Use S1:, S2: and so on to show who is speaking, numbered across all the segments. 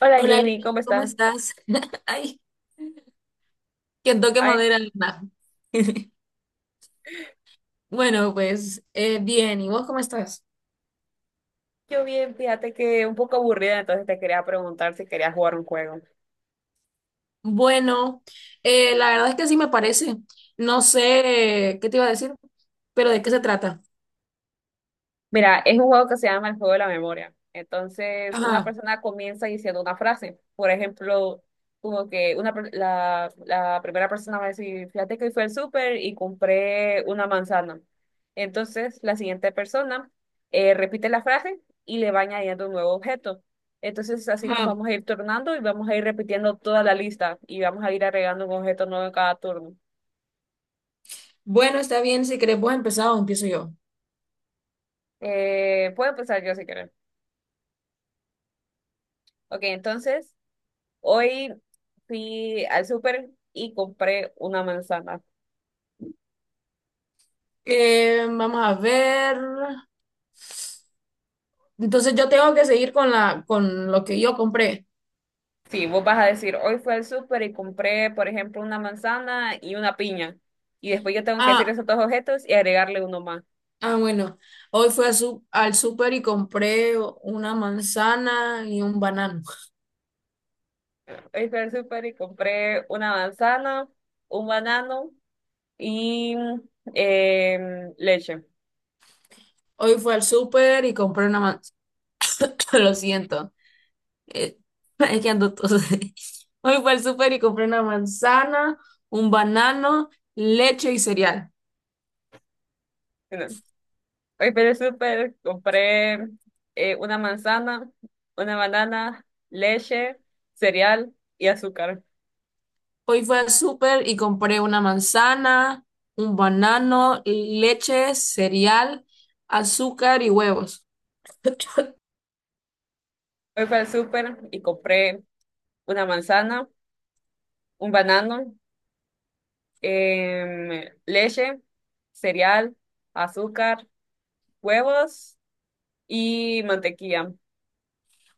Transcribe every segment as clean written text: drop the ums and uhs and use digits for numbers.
S1: Hola
S2: Hola, Lina,
S1: Jamie, ¿cómo
S2: ¿cómo
S1: estás?
S2: estás? Ay, que toque
S1: Ay,
S2: madera, Lina. Bueno, pues bien, ¿y vos cómo estás?
S1: yo bien, fíjate que un poco aburrida, entonces te quería preguntar si querías jugar un juego.
S2: Bueno, la verdad es que sí me parece. No sé qué te iba a decir, pero ¿de qué se trata?
S1: Mira, es un juego que se llama el juego de la memoria. Entonces, una
S2: Ajá,
S1: persona comienza diciendo una frase. Por ejemplo, como que una, la primera persona va a decir, fíjate que hoy fui al súper y compré una manzana. Entonces, la siguiente persona repite la frase y le va añadiendo un nuevo objeto. Entonces, así nos
S2: ajá.
S1: vamos a ir tornando y vamos a ir repitiendo toda la lista y vamos a ir agregando un objeto nuevo en cada turno.
S2: Bueno, está bien, si querés vos empezar o empiezo yo.
S1: Puedo empezar yo si quieres. Ok, entonces hoy fui al súper y compré una manzana.
S2: Vamos a ver. Entonces yo tengo que seguir con lo que yo compré.
S1: Sí, vos vas a decir, hoy fui al súper y compré, por ejemplo, una manzana y una piña. Y después yo tengo que decir
S2: Ah,
S1: esos dos objetos y agregarle uno más.
S2: ah, bueno, hoy fui a su- al súper y compré una manzana y un banano.
S1: Hoy fui al súper y compré una manzana, un banano y leche.
S2: Hoy fui al súper y compré una manzana. Lo siento, eh, es que ando tos. Hoy fui al súper y compré una manzana, un banano, leche y cereal.
S1: No. Hoy fui al súper, compré una manzana, una banana, leche, cereal y azúcar.
S2: Hoy fui al súper y compré una manzana, un banano, leche, cereal, azúcar y huevos.
S1: Hoy fui al súper y compré una manzana, un banano, leche, cereal, azúcar, huevos y mantequilla.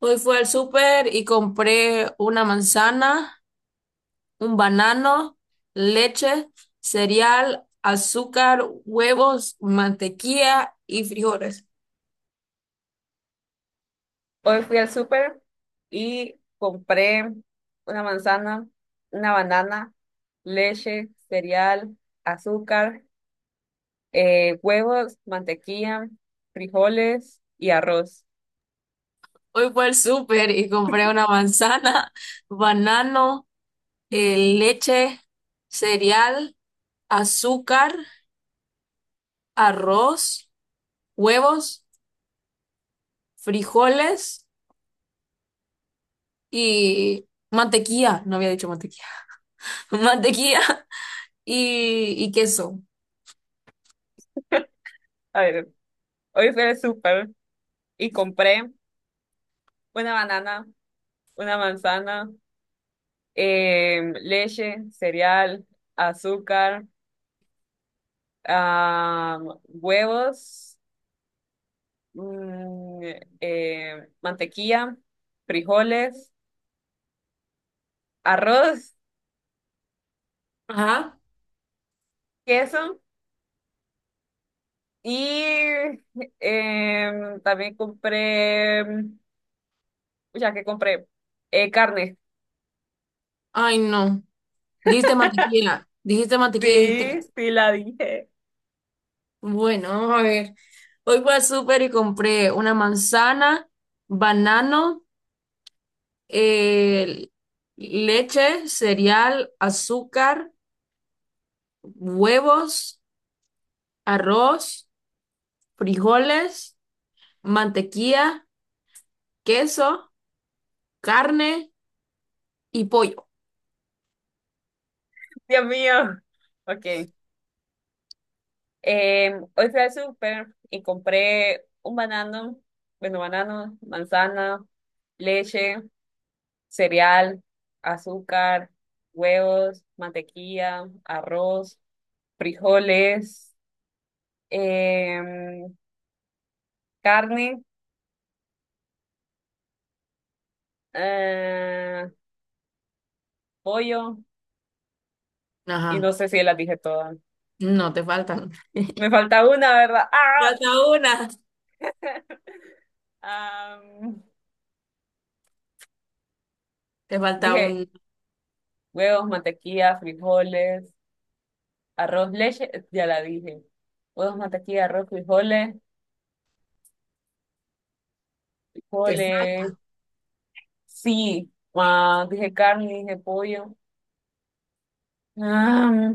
S2: Hoy fui al súper y compré una manzana, un banano, leche, cereal, azúcar, huevos, mantequilla y frijoles.
S1: Hoy fui al súper y compré una manzana, una banana, leche, cereal, azúcar, huevos, mantequilla, frijoles y arroz.
S2: Hoy fue al súper y compré una manzana, banano, leche, cereal, azúcar, arroz, huevos, frijoles y mantequilla. No había dicho mantequilla. Mantequilla y queso.
S1: A ver, hoy fui al súper y compré una banana, una manzana, leche, cereal, azúcar, huevos, mm, mantequilla, frijoles, arroz,
S2: Ajá.
S1: queso y también compré, ya que compré, carne.
S2: Ay, no. Dijiste mantequilla. Dijiste mantequilla y
S1: Sí,
S2: dijiste.
S1: sí la dije.
S2: Bueno, a ver. Hoy fui al súper y compré una manzana, banano, eh, leche, cereal, azúcar, huevos, arroz, frijoles, mantequilla, queso, carne y pollo.
S1: Dios mío. Ok. Hoy fui al súper y compré un banano, bueno, banano, manzana, leche, cereal, azúcar, huevos, mantequilla, arroz, frijoles, em, carne, eh, pollo, y no
S2: Ajá.
S1: sé si las dije todas.
S2: No, te faltan.
S1: Me falta una, ¿verdad? ¡Ah!
S2: Falta una.
S1: Am,
S2: Te falta
S1: Dije
S2: un.
S1: huevos, mantequilla, frijoles. Arroz, leche, ya la dije. Huevos, mantequilla, arroz, frijoles,
S2: Te
S1: frijoles.
S2: falta.
S1: Sí. Ah, dije carne, dije pollo. Ah,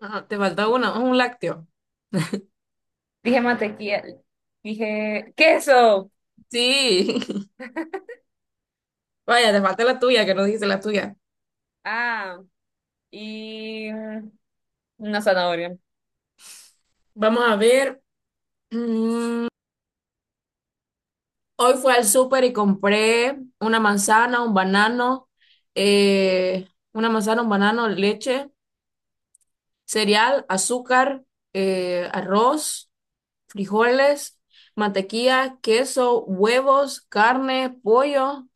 S2: Ajá, te falta una, un lácteo.
S1: dije mantequilla, dije queso.
S2: Sí. Vaya, te falta la tuya, que no dijiste la tuya.
S1: Ah, y una zanahoria.
S2: Vamos a ver. Mm, hoy fui al súper y compré una manzana, un banano, eh, leche, cereal, azúcar, arroz, frijoles, mantequilla, queso, huevos, carne, pollo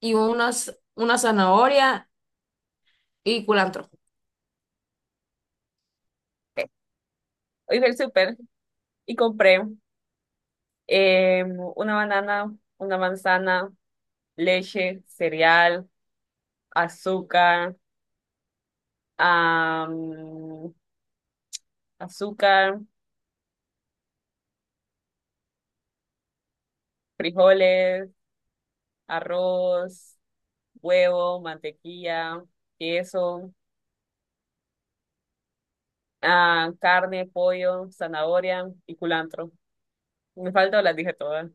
S2: y una zanahoria y culantro.
S1: Ok. Hoy fui al súper y compré eh, una banana, una manzana, leche, cereal, azúcar, ah, azúcar, frijoles, arroz, huevo, mantequilla, queso, ah, carne, pollo, zanahoria y culantro. Me falta o las dije todas.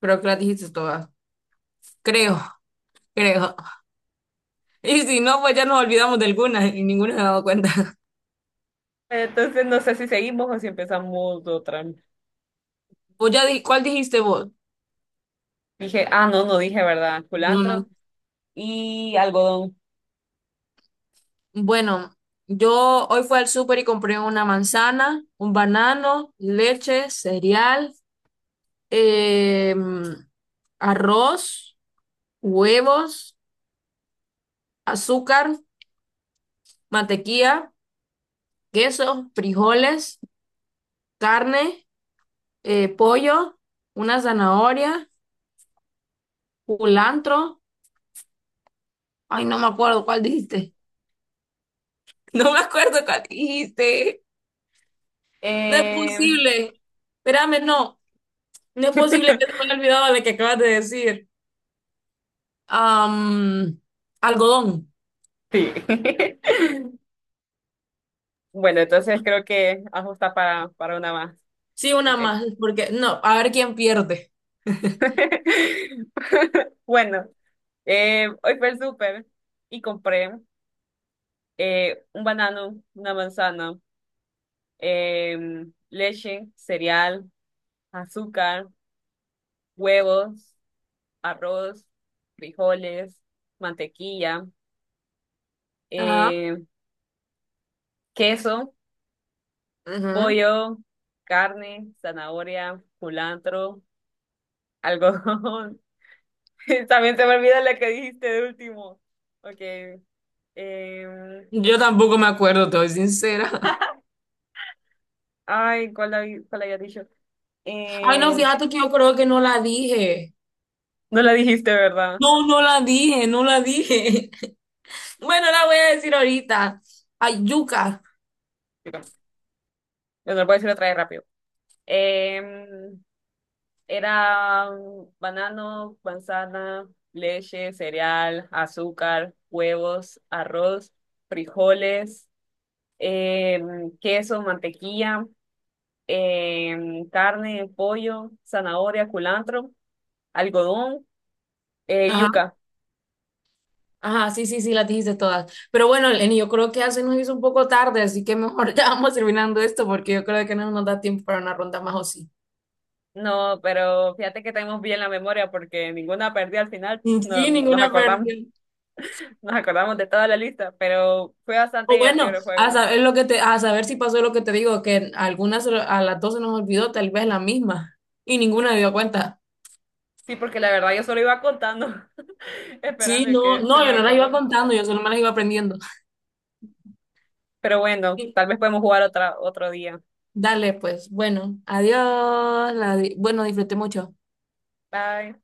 S2: Creo que las dijiste todas. Creo, creo. Y si no, pues ya nos olvidamos de alguna y ninguna se ha dado cuenta.
S1: Entonces no sé si seguimos o si empezamos otra.
S2: ¿Cuál dijiste vos?
S1: Dije, ah, no, no dije, ¿verdad?
S2: No, no.
S1: Culantro y algodón.
S2: Bueno, yo hoy fui al súper y compré una manzana, un banano, leche, cereal, em, arroz, huevos, azúcar, mantequilla, queso, frijoles, carne, pollo, una zanahoria, culantro. Ay, no me acuerdo cuál dijiste. No me acuerdo cuál dijiste. No es
S1: Eh,
S2: posible. Espérame, no. No es posible que te haya olvidado de que acabas de decir. Am, algodón.
S1: sí. Bueno, entonces creo que ajusta para una más.
S2: Sí, una
S1: Okay.
S2: más, porque no, a ver quién pierde.
S1: Bueno, hoy fue el súper y compré. Un banano, una manzana, leche, cereal, azúcar, huevos, arroz, frijoles, mantequilla,
S2: Ajá.
S1: eh, queso,
S2: Ujú.
S1: pollo, carne, zanahoria, culantro, algodón. También se me olvida la que dijiste de último. Ok. em,
S2: Yo tampoco me acuerdo, te soy sincera.
S1: ay, ¿cuál, cuál había dicho?
S2: Ay, no,
S1: Eh,
S2: fíjate que yo creo que no la dije.
S1: no la dijiste, ¿verdad?
S2: No, no la dije, no la dije. Bueno, la voy a decir ahorita. Ay, yuca.
S1: Bueno, lo voy a decir otra vez rápido. Em, Era banano, manzana, leche, cereal, azúcar, huevos, arroz, frijoles, queso, mantequilla, carne, pollo, zanahoria, culantro, algodón,
S2: Ajá,
S1: yuca.
S2: ajá, sí, sí, sí, las dijiste todas. Pero bueno, Lenny, yo creo que ya se nos hizo un poco tarde, así que mejor ya vamos terminando esto porque yo creo que no nos da tiempo para una ronda más o sí.
S1: No, pero fíjate que tenemos bien la memoria porque ninguna perdí al final. No,
S2: Sí, ninguna pérdida.
S1: nos acordamos de toda la lista, pero fue bastante
S2: O
S1: divertido
S2: bueno,
S1: el
S2: a
S1: juego.
S2: saber lo que te, a saber si pasó lo que te digo, que algunas a las 12 nos olvidó, tal vez la misma, y ninguna dio cuenta.
S1: Sí, porque la verdad yo solo iba contando.
S2: Sí,
S1: Esperando
S2: no,
S1: que se
S2: no, yo
S1: me
S2: no las iba
S1: acorde.
S2: contando, yo solo me las iba aprendiendo.
S1: Pero bueno, tal vez podemos jugar otra, otro día.
S2: Dale, pues, bueno, bueno, disfruté mucho.
S1: Bye.